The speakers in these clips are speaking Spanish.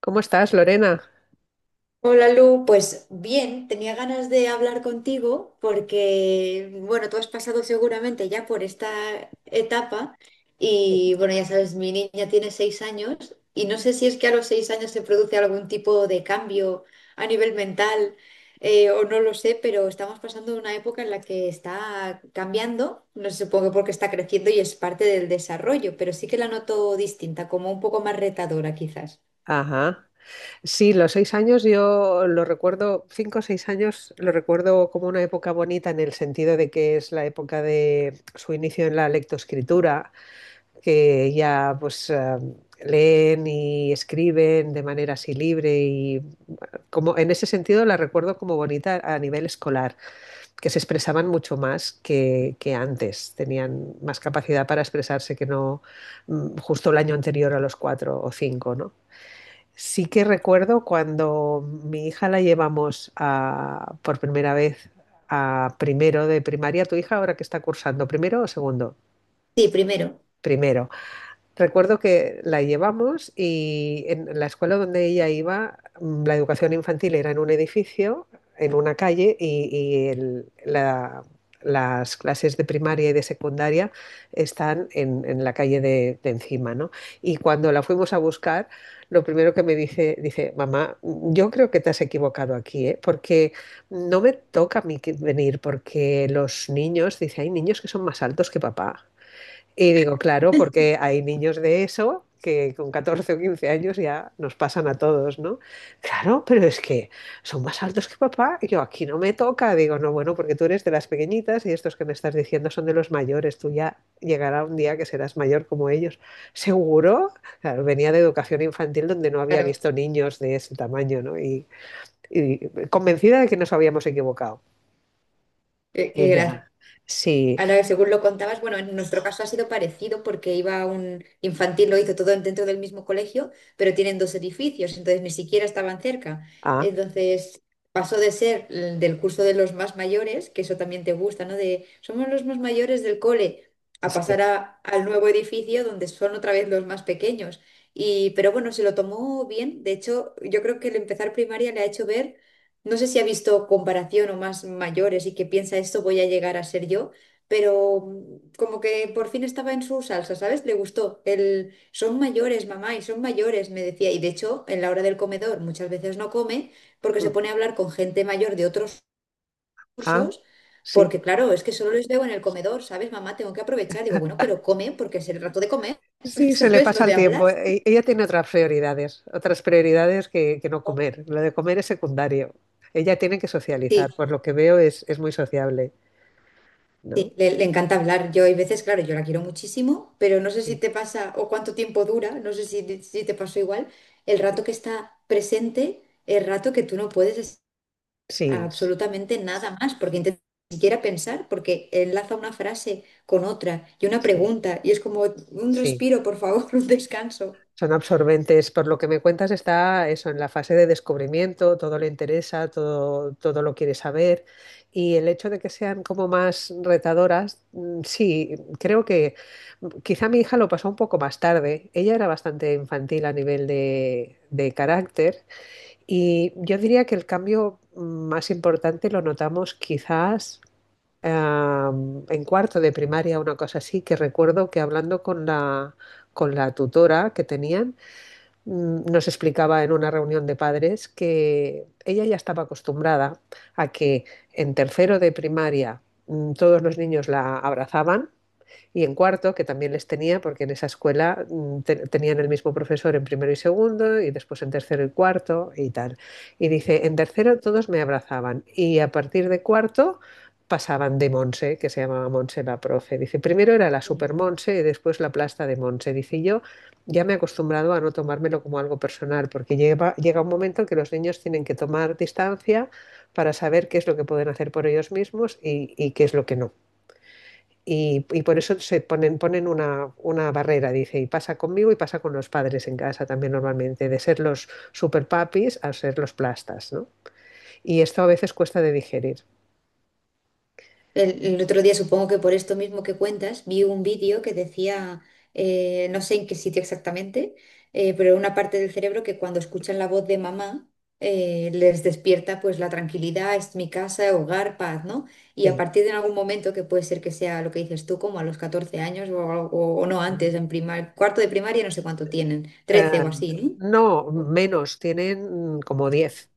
¿Cómo estás, Lorena? Hola Lu, pues bien, tenía ganas de hablar contigo porque, bueno, tú has pasado seguramente ya por esta etapa Sí. y, bueno, ya sabes, mi niña tiene 6 años y no sé si es que a los 6 años se produce algún tipo de cambio a nivel mental, o no lo sé, pero estamos pasando una época en la que está cambiando, no sé, supongo porque está creciendo y es parte del desarrollo, pero sí que la noto distinta, como un poco más retadora quizás. Ajá. Sí, los 6 años yo lo recuerdo, 5 o 6 años lo recuerdo como una época bonita en el sentido de que es la época de su inicio en la lectoescritura, que ya pues leen y escriben de manera así libre y como en ese sentido la recuerdo como bonita a nivel escolar, que se expresaban mucho más que antes, tenían más capacidad para expresarse que no justo el año anterior a los 4 o 5, ¿no? Sí que recuerdo cuando mi hija la llevamos por primera vez a primero de primaria. ¿Tu hija ahora que está cursando? ¿Primero o segundo? Sí, primero. Primero. Recuerdo que la llevamos y en la escuela donde ella iba, la educación infantil era en un edificio, en una calle, y las clases de primaria y de secundaria están en la calle de encima, ¿no? Y cuando la fuimos a buscar, lo primero que me dice, mamá, yo creo que te has equivocado aquí, ¿eh? Porque no me toca a mí venir, porque los niños, dice, hay niños que son más altos que papá. Y digo, claro, porque hay niños de eso que con 14 o 15 años ya nos pasan a todos, ¿no? Claro, pero es que son más altos que papá. Y yo aquí no me toca. Digo, no, bueno, porque tú eres de las pequeñitas y estos que me estás diciendo son de los mayores. Tú ya llegará un día que serás mayor como ellos. ¿Seguro? Claro, venía de educación infantil donde no había Claro. visto niños de ese tamaño, ¿no? Y convencida de que nos habíamos equivocado. Qué gracias. Ella, sí, Ahora, según lo contabas, bueno, en nuestro caso ha sido parecido porque iba a un infantil, lo hizo todo dentro del mismo colegio, pero tienen dos edificios, entonces ni siquiera estaban cerca. ah, Entonces pasó de ser el del curso de los más mayores, que eso también te gusta, ¿no? De somos los más mayores del cole, a pasar sí, al nuevo edificio donde son otra vez los más pequeños. Y, pero bueno, se lo tomó bien. De hecho, yo creo que el empezar primaria le ha hecho ver, no sé si ha visto comparación o más mayores y que piensa esto voy a llegar a ser yo, pero como que por fin estaba en su salsa, ¿sabes? Le gustó. Son mayores, mamá, y son mayores, me decía. Y de hecho, en la hora del comedor muchas veces no come porque se mm, pone a hablar con gente mayor de otros ah, cursos, sí. porque claro, es que solo les veo en el comedor, ¿sabes? Mamá, tengo que aprovechar. Digo, bueno, pero come porque es el rato de comer. Sí, se le ¿Sabes? Lo pasa de el hablar. tiempo. Ella tiene otras prioridades que no comer. Lo de comer es secundario. Ella tiene que socializar, Sí. por lo que veo es muy sociable, ¿no? Sí, le encanta hablar. Yo hay veces, claro, yo la quiero muchísimo, pero no sé si Sí, te pasa o cuánto tiempo dura, no sé si te pasó igual. El rato sí, que está presente, el rato que tú no puedes sí, absolutamente nada más, porque intentas ni siquiera pensar, porque enlaza una frase con otra y una sí. pregunta, y es como un Sí. respiro, por favor, un descanso. Son absorbentes. Por lo que me cuentas, está eso en la fase de descubrimiento, todo le interesa, todo, todo lo quiere saber. Y el hecho de que sean como más retadoras, sí, creo que quizá mi hija lo pasó un poco más tarde. Ella era bastante infantil a nivel de carácter y yo diría que el cambio más importante lo notamos quizás en cuarto de primaria, una cosa así, que recuerdo que hablando con la, tutora que tenían, nos explicaba en una reunión de padres que ella ya estaba acostumbrada a que en tercero de primaria todos los niños la abrazaban y en cuarto, que también les tenía, porque en esa escuela tenían el mismo profesor en primero y segundo, y después en tercero y cuarto, y tal. Y dice, en tercero todos me abrazaban, y a partir de cuarto pasaban de Monse, que se llamaba Monse la profe. Dice, primero era la super Monse y después la plasta de Monse. Dice, yo ya me he acostumbrado a no tomármelo como algo personal, porque llega un momento en que los niños tienen que tomar distancia para saber qué es lo que pueden hacer por ellos mismos y qué es lo que no. Y por eso se ponen una barrera, dice, y pasa conmigo y pasa con los padres en casa también normalmente, de ser los super papis a ser los plastas, ¿no? Y esto a veces cuesta de digerir. El otro día, supongo que por esto mismo que cuentas, vi un vídeo que decía, no sé en qué sitio exactamente, pero una parte del cerebro que cuando escuchan la voz de mamá les despierta pues la tranquilidad, es mi casa, hogar, paz, ¿no? Y a Sí. partir de algún momento, que puede ser que sea lo que dices tú, como a los 14 años o no antes, en primar cuarto de primaria, no sé cuánto tienen, Eh, 13 o así, no, ¿no? menos, tienen como 10.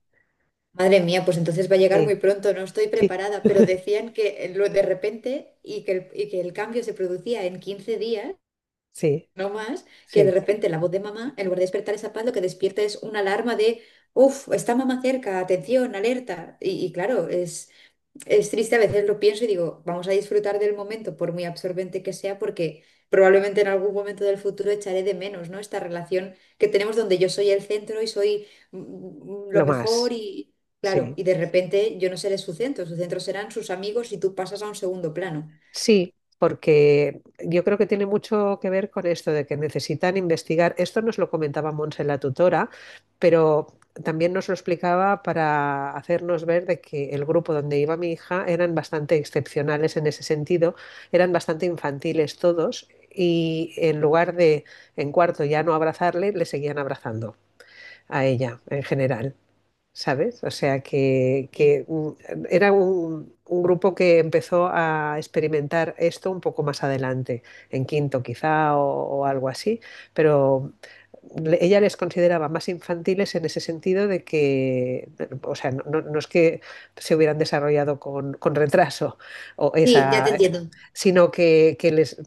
Madre mía, pues entonces va a llegar muy Sí, pronto, no estoy sí, preparada, pero decían que lo de repente y que el cambio se producía en 15 días, sí, no más, que de sí, repente la voz de mamá, en lugar de despertar esa paz, lo que despierta es una alarma de, uff, está mamá cerca, atención, alerta. Y claro, es triste, a veces lo pienso y digo, vamos a disfrutar del momento, por muy absorbente que sea, porque probablemente en algún momento del futuro echaré de menos, ¿no? Esta relación que tenemos donde yo soy el centro y soy lo lo mejor más, y, claro, sí. y de repente yo no seré su centro serán sus amigos y tú pasas a un segundo plano. Sí, porque yo creo que tiene mucho que ver con esto de que necesitan investigar. Esto nos lo comentaba Monse la tutora, pero también nos lo explicaba para hacernos ver de que el grupo donde iba mi hija eran bastante excepcionales en ese sentido, eran bastante infantiles todos y en lugar de en cuarto ya no abrazarle, le seguían abrazando a ella en general. ¿Sabes? O sea, que, Sí, que, mm, era un grupo que empezó a experimentar esto un poco más adelante, en quinto quizá o algo así, pero ella les consideraba más infantiles en ese sentido de que, o sea, no es que se hubieran desarrollado con retraso o sí, sí, ya te esa, entiendo. sino que les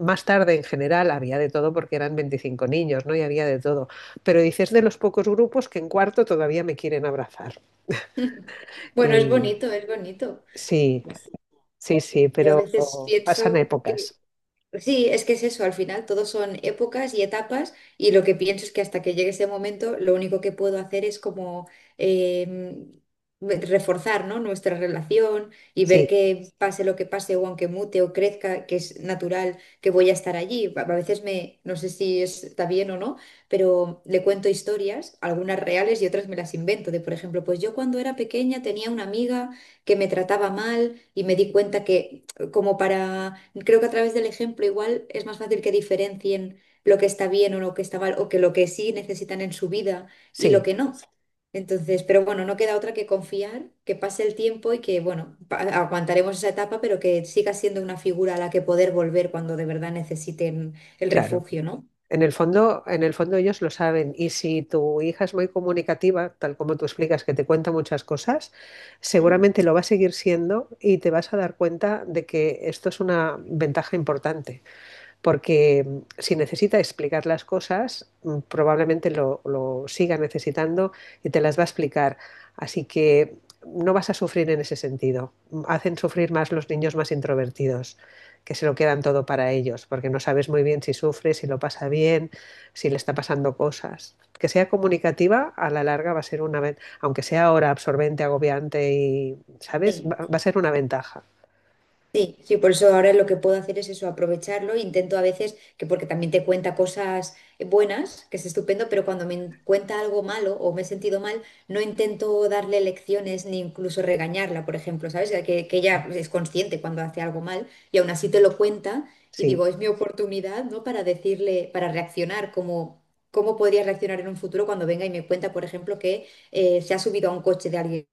más tarde en general había de todo porque eran 25 niños, ¿no? Y había de todo. Pero dices de los pocos grupos que en cuarto todavía me quieren abrazar. Bueno, es Y bonito, es bonito. sí, sí, sí, Yo a pero veces pasan pienso que épocas. sí, es que es eso, al final todo son épocas y etapas y lo que pienso es que hasta que llegue ese momento lo único que puedo hacer es como, em, reforzar, ¿no? Nuestra relación y ver Sí, que pase lo que pase o aunque mute o crezca, que es natural que voy a estar allí. A veces me, no sé si está bien o no, pero le cuento historias, algunas reales y otras me las invento, de por ejemplo, pues yo cuando era pequeña tenía una amiga que me trataba mal y me di cuenta que como para, creo que a través del ejemplo igual es más fácil que diferencien lo que está bien o lo que está mal, o que lo que sí necesitan en su vida y lo sí, que no. Entonces, pero bueno, no queda otra que confiar, que pase el tiempo y que, bueno, aguantaremos esa etapa, pero que siga siendo una figura a la que poder volver cuando de verdad necesiten el claro. refugio, ¿no? En el fondo ellos lo saben y si tu hija es muy comunicativa, tal como tú explicas, que te cuenta muchas cosas, ¿Mm? seguramente lo va a seguir siendo y te vas a dar cuenta de que esto es una ventaja importante porque si necesita explicar las cosas, probablemente lo siga necesitando y te las va a explicar. Así que no vas a sufrir en ese sentido. Hacen sufrir más los niños más introvertidos, que se lo quedan todo para ellos, porque no sabes muy bien si sufre, si lo pasa bien, si le está pasando cosas. Que sea comunicativa, a la larga va a ser una ventaja, aunque sea ahora absorbente, agobiante y, ¿sabes? Sí. Va a ser una ventaja. Sí, sí, por eso ahora lo que puedo hacer es eso, aprovecharlo. Intento a veces, que porque también te cuenta cosas buenas, que es estupendo, pero cuando me cuenta algo malo o me he sentido mal, no intento darle lecciones ni incluso regañarla, por ejemplo, ¿sabes? Que ella es consciente cuando hace algo mal y aún así te lo cuenta, y Sí, digo, es mi oportunidad, ¿no? Para decirle, para reaccionar como… ¿Cómo podría reaccionar en un futuro cuando venga y me cuenta, por ejemplo, que se ha subido a un coche de alguien?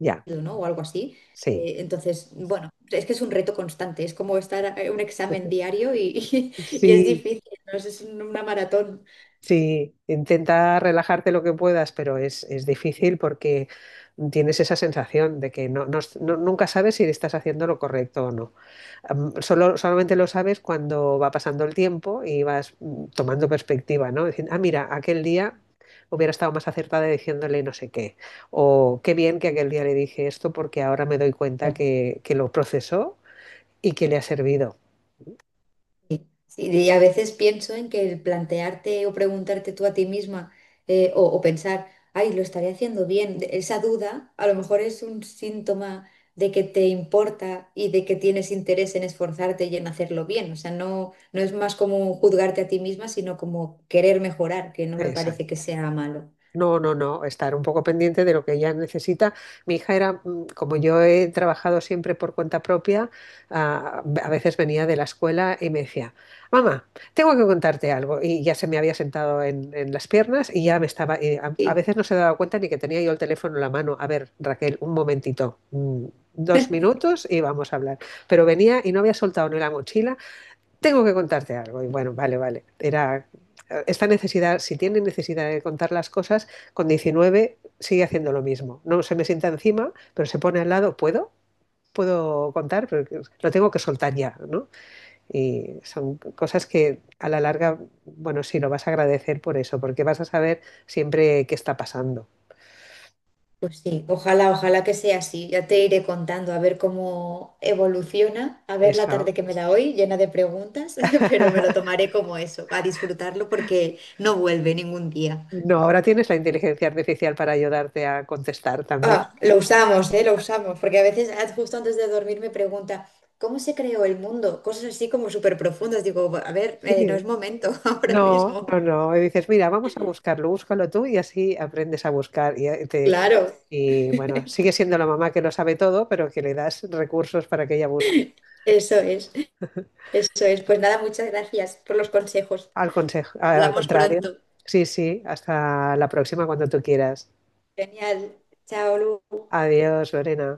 ya, ¿No? O algo así. sí. Entonces, bueno, es que es un reto constante, es como estar un examen diario y, y, es Sí, difícil, ¿no? Es una maratón. sí, intenta relajarte lo que puedas, pero es difícil porque tienes esa sensación de que nunca sabes si estás haciendo lo correcto o no. Solamente lo sabes cuando va pasando el tiempo y vas tomando perspectiva, ¿no? Diciendo, ah, mira, aquel día hubiera estado más acertada diciéndole no sé qué. O qué bien que aquel día le dije esto porque ahora me doy cuenta que lo procesó y que le ha servido. Sí, y a veces pienso en que el plantearte o preguntarte tú a ti misma, o pensar, ay, lo estaré haciendo bien, esa duda a lo mejor es un síntoma de que te importa y de que tienes interés en esforzarte y en hacerlo bien. O sea, no, no es más como juzgarte a ti misma, sino como querer mejorar, que no me parece Exacto. que sea malo. No, no, no, estar un poco pendiente de lo que ella necesita. Mi hija era, como yo he trabajado siempre por cuenta propia, a veces venía de la escuela y me decía, mamá, tengo que contarte algo. Y ya se me había sentado en las piernas y ya me estaba, y a veces no se daba cuenta ni que tenía yo el teléfono en la mano. A ver, Raquel, un momentito, 2 minutos y vamos a hablar. Pero venía y no había soltado ni la mochila, tengo que contarte algo. Y bueno, vale, vale. Era esta necesidad, si tiene necesidad de contar las cosas, con 19 sigue haciendo lo mismo. No se me sienta encima, pero se pone al lado. ¿Puedo? Puedo contar, pero lo tengo que soltar ya, ¿no? Y son cosas que a la larga, bueno, sí, lo vas a agradecer por eso, porque vas a saber siempre qué está pasando. Pues sí, ojalá, ojalá que sea así. Ya te iré contando a ver cómo evoluciona, a ver la tarde Eso. que me da hoy, llena de preguntas, pero me lo tomaré como eso, a disfrutarlo porque no vuelve ningún día. No, ahora tienes la inteligencia artificial para ayudarte a contestar también. Ah, lo usamos, ¿eh? Lo usamos, porque a veces justo antes de dormir me pregunta, ¿cómo se creó el mundo? Cosas así como súper profundas. Digo, a ver, no Sí. es momento ahora No, mismo. no, no. Y dices, mira, vamos a buscarlo, búscalo tú y así aprendes a buscar. Y, eh, te, Claro, y bueno, sigue siendo la mamá que lo sabe todo, pero que le das recursos para que ella busque. eso es, eso es. Pues nada, muchas gracias por los consejos. Al consejo, al Hablamos contrario. pronto. Sí, sí, hasta la próxima cuando tú quieras. Genial. Chao, Lu. Adiós, Lorena.